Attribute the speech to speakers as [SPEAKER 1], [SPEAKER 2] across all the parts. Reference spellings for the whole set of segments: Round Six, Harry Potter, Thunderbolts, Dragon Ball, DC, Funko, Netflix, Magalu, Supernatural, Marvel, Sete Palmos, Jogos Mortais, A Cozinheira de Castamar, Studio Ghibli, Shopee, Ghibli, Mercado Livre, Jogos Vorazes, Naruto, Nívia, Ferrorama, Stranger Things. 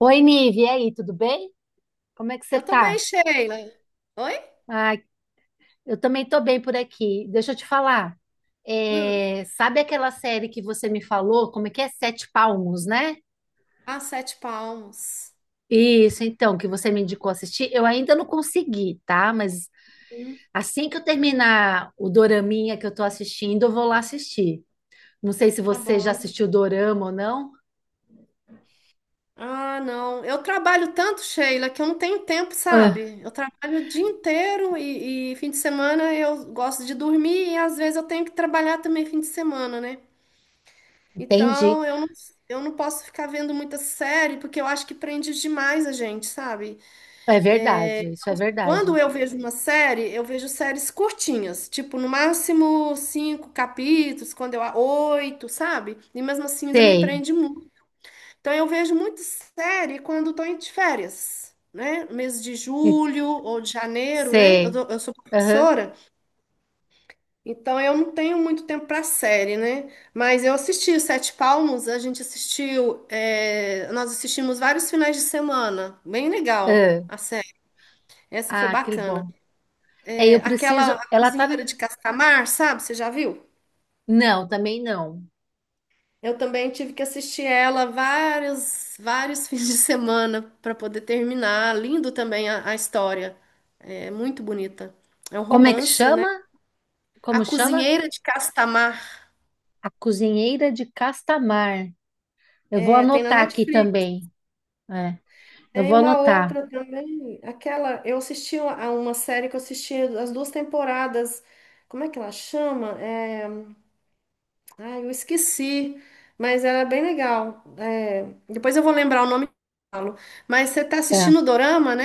[SPEAKER 1] Oi, Nive, e aí, tudo bem? Como é que você
[SPEAKER 2] Eu tô
[SPEAKER 1] tá?
[SPEAKER 2] bem, Sheila. Oi?
[SPEAKER 1] Ah, eu também tô bem por aqui. Deixa eu te falar.
[SPEAKER 2] Hum.
[SPEAKER 1] Sabe aquela série que você me falou? Como é que é? Sete Palmos, né?
[SPEAKER 2] Ah, sete palmos.
[SPEAKER 1] Isso, então, que você me indicou assistir. Eu ainda não consegui, tá? Mas
[SPEAKER 2] Hum,
[SPEAKER 1] assim que eu terminar o doraminha que eu tô assistindo, eu vou lá assistir. Não sei se
[SPEAKER 2] tá
[SPEAKER 1] você já
[SPEAKER 2] bom.
[SPEAKER 1] assistiu dorama ou não.
[SPEAKER 2] Ah, não. Eu trabalho tanto, Sheila, que eu não tenho tempo,
[SPEAKER 1] Ah,
[SPEAKER 2] sabe? Eu trabalho o dia inteiro e fim de semana eu gosto de dormir e às vezes eu tenho que trabalhar também fim de semana, né?
[SPEAKER 1] entendi.
[SPEAKER 2] Então eu não, eu não posso ficar vendo muita série porque eu acho que prende demais a gente, sabe?
[SPEAKER 1] É verdade, isso é verdade.
[SPEAKER 2] Quando eu vejo uma série, eu vejo séries curtinhas, tipo no máximo cinco capítulos, quando eu oito, sabe? E mesmo assim ainda me
[SPEAKER 1] Sei,
[SPEAKER 2] prende muito. Então eu vejo muita série quando estou de férias, né? Mês de julho ou de janeiro, né?
[SPEAKER 1] sei.
[SPEAKER 2] Eu sou
[SPEAKER 1] Aham,
[SPEAKER 2] professora, então eu não tenho muito tempo para série, né? Mas eu assisti Sete Palmos, a gente assistiu, é, nós assistimos vários finais de semana, bem legal
[SPEAKER 1] ah,
[SPEAKER 2] a série. Essa foi
[SPEAKER 1] ah, que
[SPEAKER 2] bacana.
[SPEAKER 1] bom. É, eu preciso.
[SPEAKER 2] Aquela
[SPEAKER 1] Ela tá.
[SPEAKER 2] Cozinheira de Castamar, sabe? Você já viu?
[SPEAKER 1] Não, também não.
[SPEAKER 2] Eu também tive que assistir ela vários fins de semana para poder terminar. Lindo também a história. É muito bonita. É um
[SPEAKER 1] Como é que
[SPEAKER 2] romance, né?
[SPEAKER 1] chama?
[SPEAKER 2] A
[SPEAKER 1] Como chama?
[SPEAKER 2] Cozinheira de Castamar.
[SPEAKER 1] A Cozinheira de Castamar. Eu vou
[SPEAKER 2] É, tem na
[SPEAKER 1] anotar aqui
[SPEAKER 2] Netflix.
[SPEAKER 1] também. É, eu
[SPEAKER 2] Tem
[SPEAKER 1] vou
[SPEAKER 2] uma
[SPEAKER 1] anotar.
[SPEAKER 2] outra também. Aquela. Eu assisti a uma série que eu assisti as duas temporadas. Como é que ela chama? É, ai, eu esqueci, mas era bem legal. É, depois eu vou lembrar o nome e falo. Mas você tá
[SPEAKER 1] É.
[SPEAKER 2] assistindo o Dorama, né?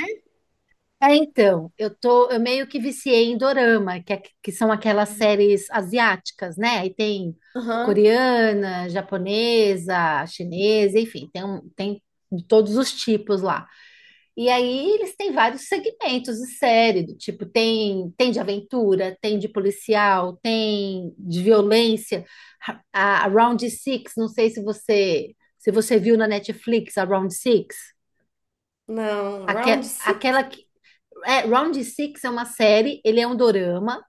[SPEAKER 1] É, então, eu meio que viciei em dorama, que são aquelas séries asiáticas, né? Aí tem
[SPEAKER 2] Aham.
[SPEAKER 1] coreana, japonesa, chinesa, enfim, tem de todos os tipos lá. E aí eles têm vários segmentos de série, do tipo, tem de aventura, tem de policial, tem de violência. A Round Six, não sei se você viu na Netflix a Round Six,
[SPEAKER 2] Não,
[SPEAKER 1] aque,
[SPEAKER 2] Round Six?
[SPEAKER 1] aquela que Round Six é uma série, ele é um dorama,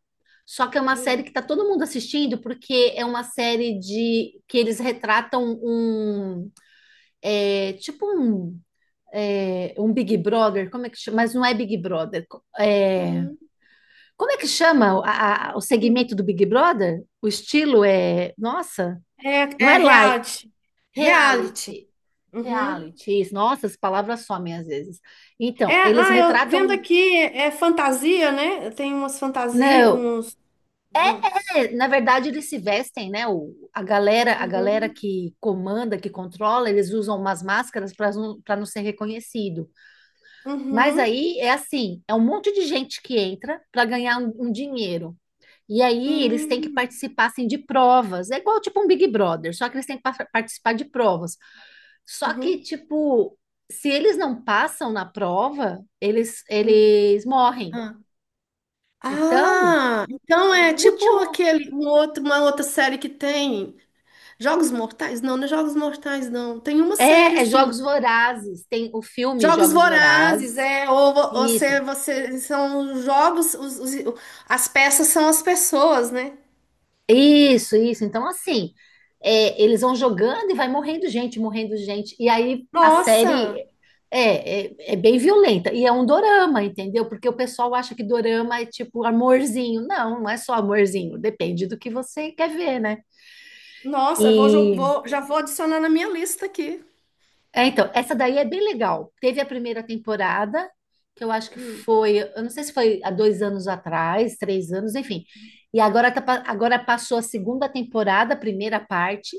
[SPEAKER 1] só que é uma série
[SPEAKER 2] Hum.
[SPEAKER 1] que está todo mundo assistindo porque é uma série de que eles retratam um tipo um Big Brother, como é que chama? Mas não é Big Brother. é,
[SPEAKER 2] Uhum.
[SPEAKER 1] Como é que chama o
[SPEAKER 2] Uhum.
[SPEAKER 1] segmento do Big Brother? O estilo é. Nossa,
[SPEAKER 2] É,
[SPEAKER 1] não
[SPEAKER 2] é
[SPEAKER 1] é live.
[SPEAKER 2] reality. Reality.
[SPEAKER 1] Reality.
[SPEAKER 2] Uhum.
[SPEAKER 1] Reality. Isso. Nossa, as palavras somem às vezes.
[SPEAKER 2] É,
[SPEAKER 1] Então, eles
[SPEAKER 2] ah, eu vendo
[SPEAKER 1] retratam.
[SPEAKER 2] aqui, é fantasia, né? Tem umas fantasias,
[SPEAKER 1] Não.
[SPEAKER 2] uns. Uhum.
[SPEAKER 1] É, na verdade, eles se vestem, né? A galera,
[SPEAKER 2] Uhum.
[SPEAKER 1] que comanda, que controla, eles usam umas máscaras para não ser reconhecido. Mas
[SPEAKER 2] Uhum.
[SPEAKER 1] aí é assim, é um monte de gente que entra para ganhar um dinheiro. E aí eles têm que
[SPEAKER 2] Uhum.
[SPEAKER 1] participar assim, de provas. É igual tipo um Big Brother, só que eles têm que participar de provas. Só que,
[SPEAKER 2] Uhum.
[SPEAKER 1] tipo, se eles não passam na prova, eles,
[SPEAKER 2] Uhum.
[SPEAKER 1] eles morrem. Então,
[SPEAKER 2] Ah, então é
[SPEAKER 1] o
[SPEAKER 2] tipo
[SPEAKER 1] último
[SPEAKER 2] aquele, um outro, uma outra série que tem Jogos Mortais? Não, não é Jogos Mortais, não. Tem uma série
[SPEAKER 1] é
[SPEAKER 2] assim,
[SPEAKER 1] Jogos Vorazes. Tem o filme
[SPEAKER 2] Jogos
[SPEAKER 1] Jogos
[SPEAKER 2] Vorazes,
[SPEAKER 1] Vorazes.
[SPEAKER 2] é, ou
[SPEAKER 1] Isso,
[SPEAKER 2] são os jogos, os as peças são as pessoas, né?
[SPEAKER 1] Isso, isso. Então, assim, eles vão jogando e vai morrendo gente, morrendo gente. E aí a série
[SPEAKER 2] Nossa,
[SPEAKER 1] é bem violenta. E é um dorama, entendeu? Porque o pessoal acha que dorama é tipo amorzinho. Não, não é só amorzinho. Depende do que você quer ver, né?
[SPEAKER 2] eu vou,
[SPEAKER 1] e
[SPEAKER 2] já vou adicionar na minha lista aqui.
[SPEAKER 1] É, então, essa daí é bem legal. Teve a primeira temporada, que eu acho que
[SPEAKER 2] Hum,
[SPEAKER 1] foi, eu não sei se foi há 2 anos atrás, 3 anos, enfim. E agora, agora passou a segunda temporada, a primeira parte,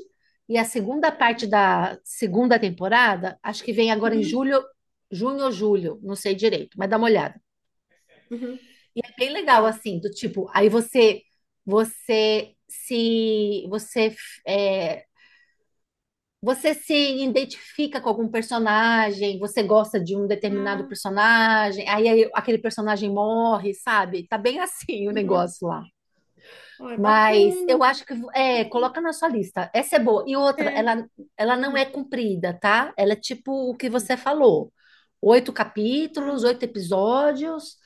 [SPEAKER 1] e a segunda parte da segunda temporada, acho que vem agora em
[SPEAKER 2] uhum,
[SPEAKER 1] julho, junho ou julho, não sei direito, mas dá uma olhada.
[SPEAKER 2] uhum,
[SPEAKER 1] É bem legal,
[SPEAKER 2] tá.
[SPEAKER 1] assim, do tipo, aí você, você se, você é, você se identifica com algum personagem, você gosta de um determinado
[SPEAKER 2] Ah,
[SPEAKER 1] personagem, aí aquele personagem morre, sabe? Tá bem assim o
[SPEAKER 2] uhum.
[SPEAKER 1] negócio lá.
[SPEAKER 2] Ó, é
[SPEAKER 1] Mas eu
[SPEAKER 2] bacana.
[SPEAKER 1] acho que coloca na sua lista. Essa é boa. E outra,
[SPEAKER 2] É.
[SPEAKER 1] ela não é
[SPEAKER 2] Hum,
[SPEAKER 1] comprida, tá? Ela é tipo o que
[SPEAKER 2] hum.
[SPEAKER 1] você falou: oito capítulos, oito
[SPEAKER 2] Ah,
[SPEAKER 1] episódios,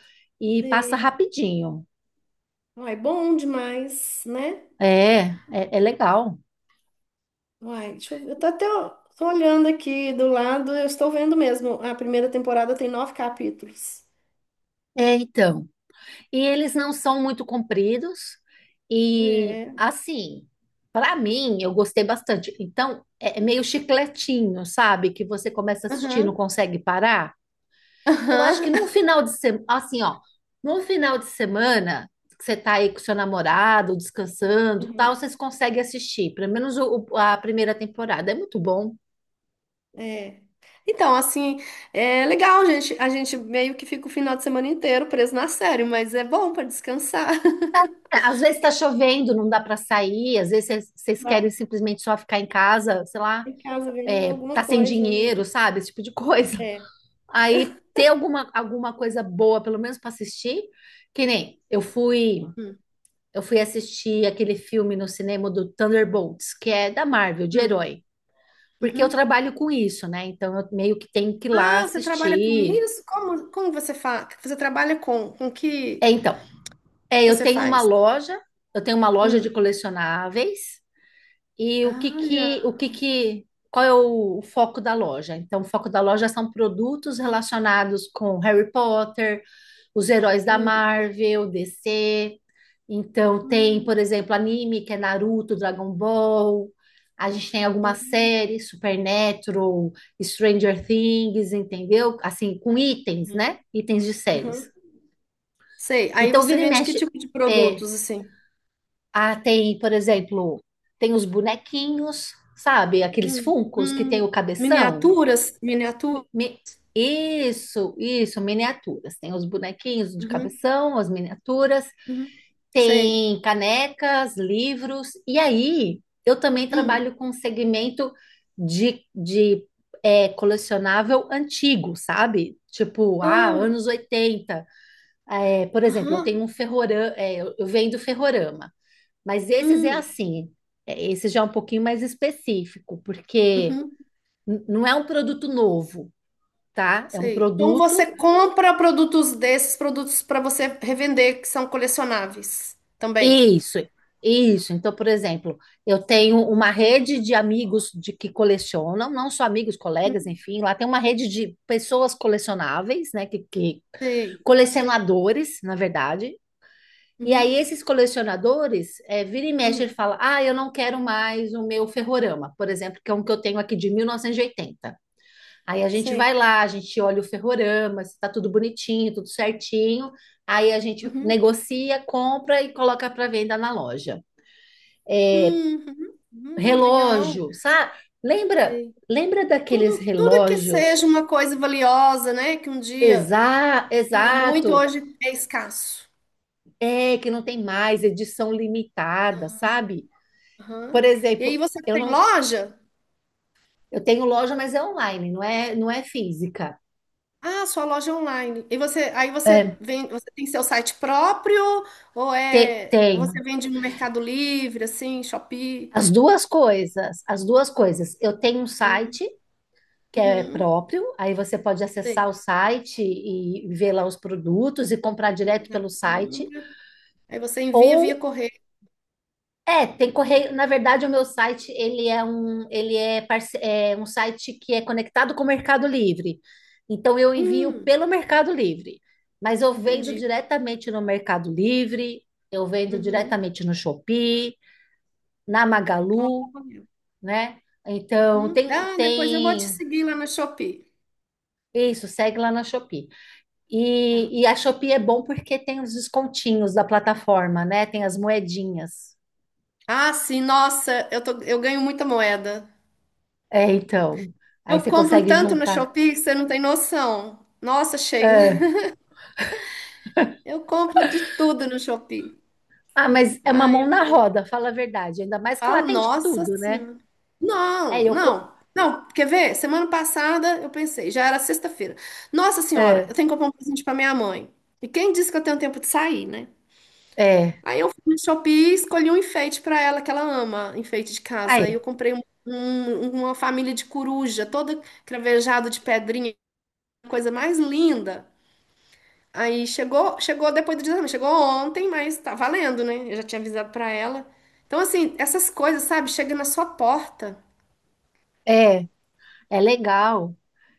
[SPEAKER 1] e passa
[SPEAKER 2] sei.
[SPEAKER 1] rapidinho.
[SPEAKER 2] Uai, é bom demais, né?
[SPEAKER 1] É, é legal.
[SPEAKER 2] Uai, deixa eu ver. Eu tô até ó, tô olhando aqui do lado, eu estou vendo mesmo. A primeira temporada tem nove capítulos.
[SPEAKER 1] É, então. E eles não são muito compridos. E
[SPEAKER 2] É.
[SPEAKER 1] assim, para mim, eu gostei bastante. Então, é meio chicletinho, sabe? Que você começa a assistir e não
[SPEAKER 2] Aham,
[SPEAKER 1] consegue parar. Eu acho que num
[SPEAKER 2] aham.
[SPEAKER 1] final de semana, num final de semana, que você tá aí com seu namorado, descansando, tal,
[SPEAKER 2] Uhum,
[SPEAKER 1] vocês conseguem assistir, pelo menos a primeira temporada. É muito bom.
[SPEAKER 2] é. Então, assim, é legal, gente. A gente meio que fica o final de semana inteiro preso na série, mas é bom para descansar.
[SPEAKER 1] É, às vezes tá chovendo, não dá para sair, às vezes vocês
[SPEAKER 2] Dá
[SPEAKER 1] querem
[SPEAKER 2] pra
[SPEAKER 1] simplesmente só ficar em casa, sei lá,
[SPEAKER 2] ficar em casa vendo alguma
[SPEAKER 1] tá sem
[SPEAKER 2] coisa, né?
[SPEAKER 1] dinheiro, sabe? Esse tipo de coisa.
[SPEAKER 2] É,
[SPEAKER 1] Aí ter alguma coisa boa, pelo menos para assistir. Que nem
[SPEAKER 2] é. Hum,
[SPEAKER 1] eu fui assistir aquele filme no cinema do Thunderbolts, que é da Marvel, de
[SPEAKER 2] hum,
[SPEAKER 1] herói. Porque eu
[SPEAKER 2] uhum.
[SPEAKER 1] trabalho com isso, né? Então eu meio que tenho que ir lá
[SPEAKER 2] Ah, você trabalha com
[SPEAKER 1] assistir.
[SPEAKER 2] isso? Como, como você faz? Você trabalha com que?
[SPEAKER 1] É, então, eu
[SPEAKER 2] Você
[SPEAKER 1] tenho uma
[SPEAKER 2] faz?
[SPEAKER 1] loja, eu tenho uma loja de
[SPEAKER 2] Hum.
[SPEAKER 1] colecionáveis. E
[SPEAKER 2] Olha.
[SPEAKER 1] qual é o foco da loja? Então, o foco da loja são produtos relacionados com Harry Potter, os heróis da
[SPEAKER 2] Hum,
[SPEAKER 1] Marvel, DC. Então, tem,
[SPEAKER 2] hum,
[SPEAKER 1] por exemplo, anime, que é Naruto, Dragon Ball. A gente tem algumas
[SPEAKER 2] hum,
[SPEAKER 1] séries, Supernatural, Stranger Things, entendeu? Assim, com itens,
[SPEAKER 2] hum,
[SPEAKER 1] né? Itens de séries.
[SPEAKER 2] uhum. Sei. Aí
[SPEAKER 1] Então,
[SPEAKER 2] você
[SPEAKER 1] vira e
[SPEAKER 2] vende que
[SPEAKER 1] mexe.
[SPEAKER 2] tipo de
[SPEAKER 1] é
[SPEAKER 2] produtos, assim?
[SPEAKER 1] Tem, por exemplo, tem os bonequinhos, sabe? Aqueles
[SPEAKER 2] Hum,
[SPEAKER 1] Funkos que tem o cabeção.
[SPEAKER 2] Miniaturas? Miniatura?
[SPEAKER 1] Mi- Isso, isso, miniaturas. Tem os bonequinhos de
[SPEAKER 2] Uhum,
[SPEAKER 1] cabeção, as miniaturas,
[SPEAKER 2] uhum. Sei.
[SPEAKER 1] tem canecas, livros. E aí, eu também
[SPEAKER 2] Hum.
[SPEAKER 1] trabalho com segmento de colecionável antigo, sabe? Tipo, ah,
[SPEAKER 2] Ah,
[SPEAKER 1] anos 80. É, por exemplo, eu tenho
[SPEAKER 2] aham.
[SPEAKER 1] um ferrorama, eu vendo ferrorama. Mas esses é
[SPEAKER 2] Hum,
[SPEAKER 1] assim, esse já é um pouquinho mais específico, porque
[SPEAKER 2] uhum.
[SPEAKER 1] não é um produto novo, tá? É um
[SPEAKER 2] Sei. Então
[SPEAKER 1] produto.
[SPEAKER 2] você compra produtos desses, produtos para você revender, que são colecionáveis também.
[SPEAKER 1] Isso, isso. Então, por exemplo, eu tenho uma rede de amigos de que colecionam, não só amigos, colegas,
[SPEAKER 2] Hum,
[SPEAKER 1] enfim, lá tem uma rede de pessoas colecionáveis, né? Que
[SPEAKER 2] Sei.
[SPEAKER 1] colecionadores, na verdade. E aí,
[SPEAKER 2] Uhum,
[SPEAKER 1] esses colecionadores, vira e mexe,
[SPEAKER 2] hum.
[SPEAKER 1] ele fala: Ah, eu não quero mais o meu Ferrorama, por exemplo, que é um que eu tenho aqui de 1980. Aí a gente
[SPEAKER 2] Sei.
[SPEAKER 1] vai lá, a gente olha o ferrorama, se tá tudo bonitinho, tudo certinho. Aí a gente
[SPEAKER 2] Uhum.
[SPEAKER 1] negocia, compra e coloca para venda na loja.
[SPEAKER 2] Hum, uhum. Uhum. Legal.
[SPEAKER 1] Relógio, sabe? Lembra,
[SPEAKER 2] Sim.
[SPEAKER 1] lembra daqueles
[SPEAKER 2] Tudo, tudo que seja
[SPEAKER 1] relógios
[SPEAKER 2] uma coisa valiosa, né? Que um dia tinha muito,
[SPEAKER 1] exato,
[SPEAKER 2] hoje é escasso.
[SPEAKER 1] é que não tem mais edição limitada, sabe?
[SPEAKER 2] Aham.
[SPEAKER 1] Por
[SPEAKER 2] E aí
[SPEAKER 1] exemplo,
[SPEAKER 2] você
[SPEAKER 1] eu
[SPEAKER 2] tem
[SPEAKER 1] não,
[SPEAKER 2] loja?
[SPEAKER 1] eu tenho loja, mas é online, não é, não é física.
[SPEAKER 2] Ah, sua loja é online. E você, aí você
[SPEAKER 1] É,
[SPEAKER 2] vem, você tem seu site próprio ou é, ou
[SPEAKER 1] tenho
[SPEAKER 2] você vende no Mercado Livre, assim, Shopee?
[SPEAKER 1] as duas coisas, as duas coisas. Eu tenho um
[SPEAKER 2] Hum,
[SPEAKER 1] site que é
[SPEAKER 2] Uhum.
[SPEAKER 1] próprio, aí você pode acessar
[SPEAKER 2] Sei.
[SPEAKER 1] o site e ver lá os produtos e comprar direto pelo
[SPEAKER 2] Uhum.
[SPEAKER 1] site,
[SPEAKER 2] Aí você envia via
[SPEAKER 1] ou
[SPEAKER 2] correio.
[SPEAKER 1] tem correio, na verdade o meu site, ele é um, ele é, parce- é um site que é conectado com o Mercado Livre. Então eu envio
[SPEAKER 2] Hum,
[SPEAKER 1] pelo Mercado Livre, mas eu vendo
[SPEAKER 2] entendi.
[SPEAKER 1] diretamente no Mercado Livre, eu vendo
[SPEAKER 2] Uhum.
[SPEAKER 1] diretamente no Shopee, na
[SPEAKER 2] Ó,
[SPEAKER 1] Magalu,
[SPEAKER 2] correio.
[SPEAKER 1] né? Então
[SPEAKER 2] Uhum.
[SPEAKER 1] tem
[SPEAKER 2] Ah, depois eu vou te
[SPEAKER 1] tem
[SPEAKER 2] seguir lá na Shopee.
[SPEAKER 1] isso, segue lá na Shopee.
[SPEAKER 2] Tá.
[SPEAKER 1] E a Shopee é bom porque tem os descontinhos da plataforma, né? Tem as moedinhas.
[SPEAKER 2] Ah, sim, nossa, eu ganho muita moeda.
[SPEAKER 1] É, então. Aí
[SPEAKER 2] Eu
[SPEAKER 1] você
[SPEAKER 2] compro
[SPEAKER 1] consegue
[SPEAKER 2] tanto no
[SPEAKER 1] juntar.
[SPEAKER 2] Shopee que você não tem noção. Nossa, Sheila,
[SPEAKER 1] É.
[SPEAKER 2] eu compro de tudo no Shopee.
[SPEAKER 1] Ah, mas é uma
[SPEAKER 2] Ai,
[SPEAKER 1] mão
[SPEAKER 2] eu
[SPEAKER 1] na
[SPEAKER 2] ganho.
[SPEAKER 1] roda, fala a verdade. Ainda mais que lá
[SPEAKER 2] Falo,
[SPEAKER 1] tem de
[SPEAKER 2] nossa
[SPEAKER 1] tudo, né?
[SPEAKER 2] senhora.
[SPEAKER 1] É,
[SPEAKER 2] Não,
[SPEAKER 1] eu. co-
[SPEAKER 2] não. Não, quer ver? Semana passada eu pensei, já era sexta-feira. Nossa senhora,
[SPEAKER 1] É,
[SPEAKER 2] eu tenho que comprar um presente para minha mãe. E quem disse que eu tenho tempo de sair, né?
[SPEAKER 1] é.
[SPEAKER 2] Aí eu fui no Shopee e escolhi um enfeite pra ela que ela ama, enfeite de casa. Aí eu
[SPEAKER 1] Aí.
[SPEAKER 2] comprei uma família de coruja, toda cravejada de pedrinha, coisa mais linda. Aí chegou, chegou depois do exame, chegou ontem, mas tá valendo, né? Eu já tinha avisado pra ela. Então assim, essas coisas, sabe, chega na sua porta.
[SPEAKER 1] É, é legal.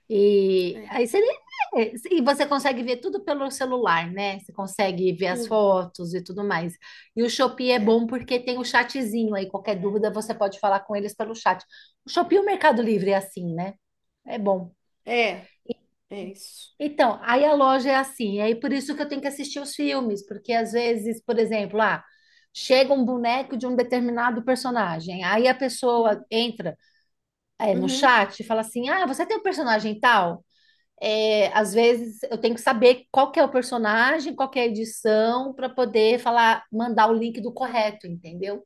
[SPEAKER 1] E
[SPEAKER 2] É,
[SPEAKER 1] aí e você consegue ver tudo pelo celular, né? Você consegue ver as
[SPEAKER 2] tudo.
[SPEAKER 1] fotos e tudo mais. E o Shopee é
[SPEAKER 2] É,
[SPEAKER 1] bom porque tem o chatzinho aí, qualquer dúvida você pode falar com eles pelo chat. O Shopee e o Mercado Livre é assim, né? É bom.
[SPEAKER 2] é, é isso.
[SPEAKER 1] Então, aí a loja é assim, aí por isso que eu tenho que assistir os filmes, porque às vezes, por exemplo, ah, chega um boneco de um determinado personagem, aí a pessoa
[SPEAKER 2] Uhum.
[SPEAKER 1] entra, no
[SPEAKER 2] Uhum.
[SPEAKER 1] chat e fala assim: Ah, você tem um personagem tal? Às vezes eu tenho que saber qual que é o personagem, qual que é a edição, para poder falar, mandar o link do correto, entendeu?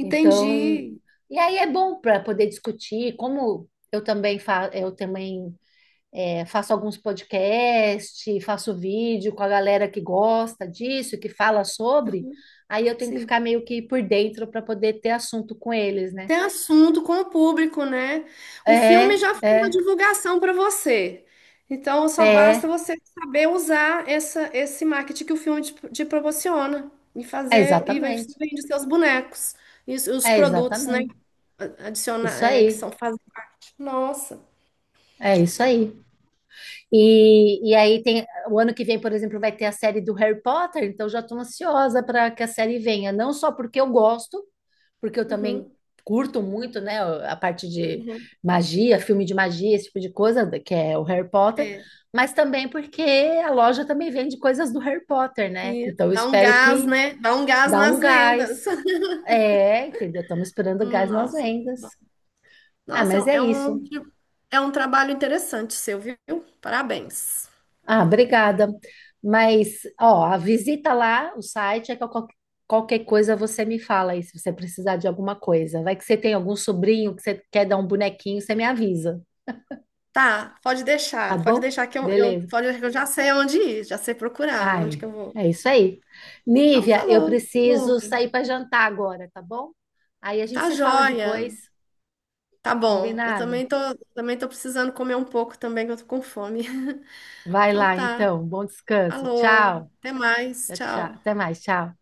[SPEAKER 1] Então, e aí é bom para poder discutir, como eu também, fa eu também é, faço alguns podcasts, faço vídeo com a galera que gosta disso, que fala sobre, aí eu tenho que ficar
[SPEAKER 2] Sim.
[SPEAKER 1] meio que por dentro para poder ter assunto com eles, né?
[SPEAKER 2] Ter assunto com o público, né? O filme
[SPEAKER 1] É,
[SPEAKER 2] já fez a
[SPEAKER 1] é,
[SPEAKER 2] divulgação para você. Então, só basta
[SPEAKER 1] é,
[SPEAKER 2] você saber usar essa, esse marketing que o filme te proporciona e
[SPEAKER 1] é
[SPEAKER 2] fazer, e você
[SPEAKER 1] exatamente,
[SPEAKER 2] vende os seus bonecos e os
[SPEAKER 1] é
[SPEAKER 2] produtos, né?
[SPEAKER 1] exatamente,
[SPEAKER 2] Adicionar,
[SPEAKER 1] isso
[SPEAKER 2] é, que
[SPEAKER 1] aí.
[SPEAKER 2] são fazidos. Nossa.
[SPEAKER 1] É isso aí. E aí tem o ano que vem, por exemplo, vai ter a série do Harry Potter, então já estou ansiosa para que a série venha, não só porque eu gosto, porque eu também
[SPEAKER 2] Uhum,
[SPEAKER 1] curto muito, né, a parte de
[SPEAKER 2] uhum.
[SPEAKER 1] magia, filme de magia, esse tipo de coisa, que é o Harry Potter,
[SPEAKER 2] É.
[SPEAKER 1] mas também porque a loja também vende coisas do Harry Potter, né?
[SPEAKER 2] E
[SPEAKER 1] Então eu
[SPEAKER 2] dá um
[SPEAKER 1] espero
[SPEAKER 2] gás,
[SPEAKER 1] que
[SPEAKER 2] né? Dá um gás
[SPEAKER 1] dá um
[SPEAKER 2] nas vendas.
[SPEAKER 1] gás. É, entendeu? Estamos esperando gás nas
[SPEAKER 2] Nossa, muito
[SPEAKER 1] vendas.
[SPEAKER 2] bom.
[SPEAKER 1] Ah,
[SPEAKER 2] Nossa, é
[SPEAKER 1] mas
[SPEAKER 2] um,
[SPEAKER 1] é
[SPEAKER 2] é
[SPEAKER 1] isso.
[SPEAKER 2] um é um trabalho interessante seu, viu? Parabéns.
[SPEAKER 1] Ah, obrigada. Mas, ó, a visita lá, o site, é que eu qualquer coisa você me fala aí, se você precisar de alguma coisa. Vai que você tem algum sobrinho que você quer dar um bonequinho, você me avisa,
[SPEAKER 2] Tá,
[SPEAKER 1] tá
[SPEAKER 2] pode
[SPEAKER 1] bom?
[SPEAKER 2] deixar que
[SPEAKER 1] Beleza.
[SPEAKER 2] pode deixar que eu já sei onde ir, já sei procurar, onde
[SPEAKER 1] Ai,
[SPEAKER 2] que eu vou.
[SPEAKER 1] é isso aí.
[SPEAKER 2] Então,
[SPEAKER 1] Nívia, eu
[SPEAKER 2] falou.
[SPEAKER 1] preciso
[SPEAKER 2] Oi.
[SPEAKER 1] sair para jantar agora, tá bom? Aí a gente
[SPEAKER 2] Tá
[SPEAKER 1] se fala
[SPEAKER 2] joia.
[SPEAKER 1] depois,
[SPEAKER 2] Tá bom.
[SPEAKER 1] combinado?
[SPEAKER 2] Também tô precisando comer um pouco também, que eu tô com fome.
[SPEAKER 1] Vai
[SPEAKER 2] Então
[SPEAKER 1] lá,
[SPEAKER 2] tá.
[SPEAKER 1] então. Bom descanso.
[SPEAKER 2] Falou.
[SPEAKER 1] Tchau.
[SPEAKER 2] Até mais.
[SPEAKER 1] Tchau, tchau. Até
[SPEAKER 2] Tchau.
[SPEAKER 1] mais, tchau.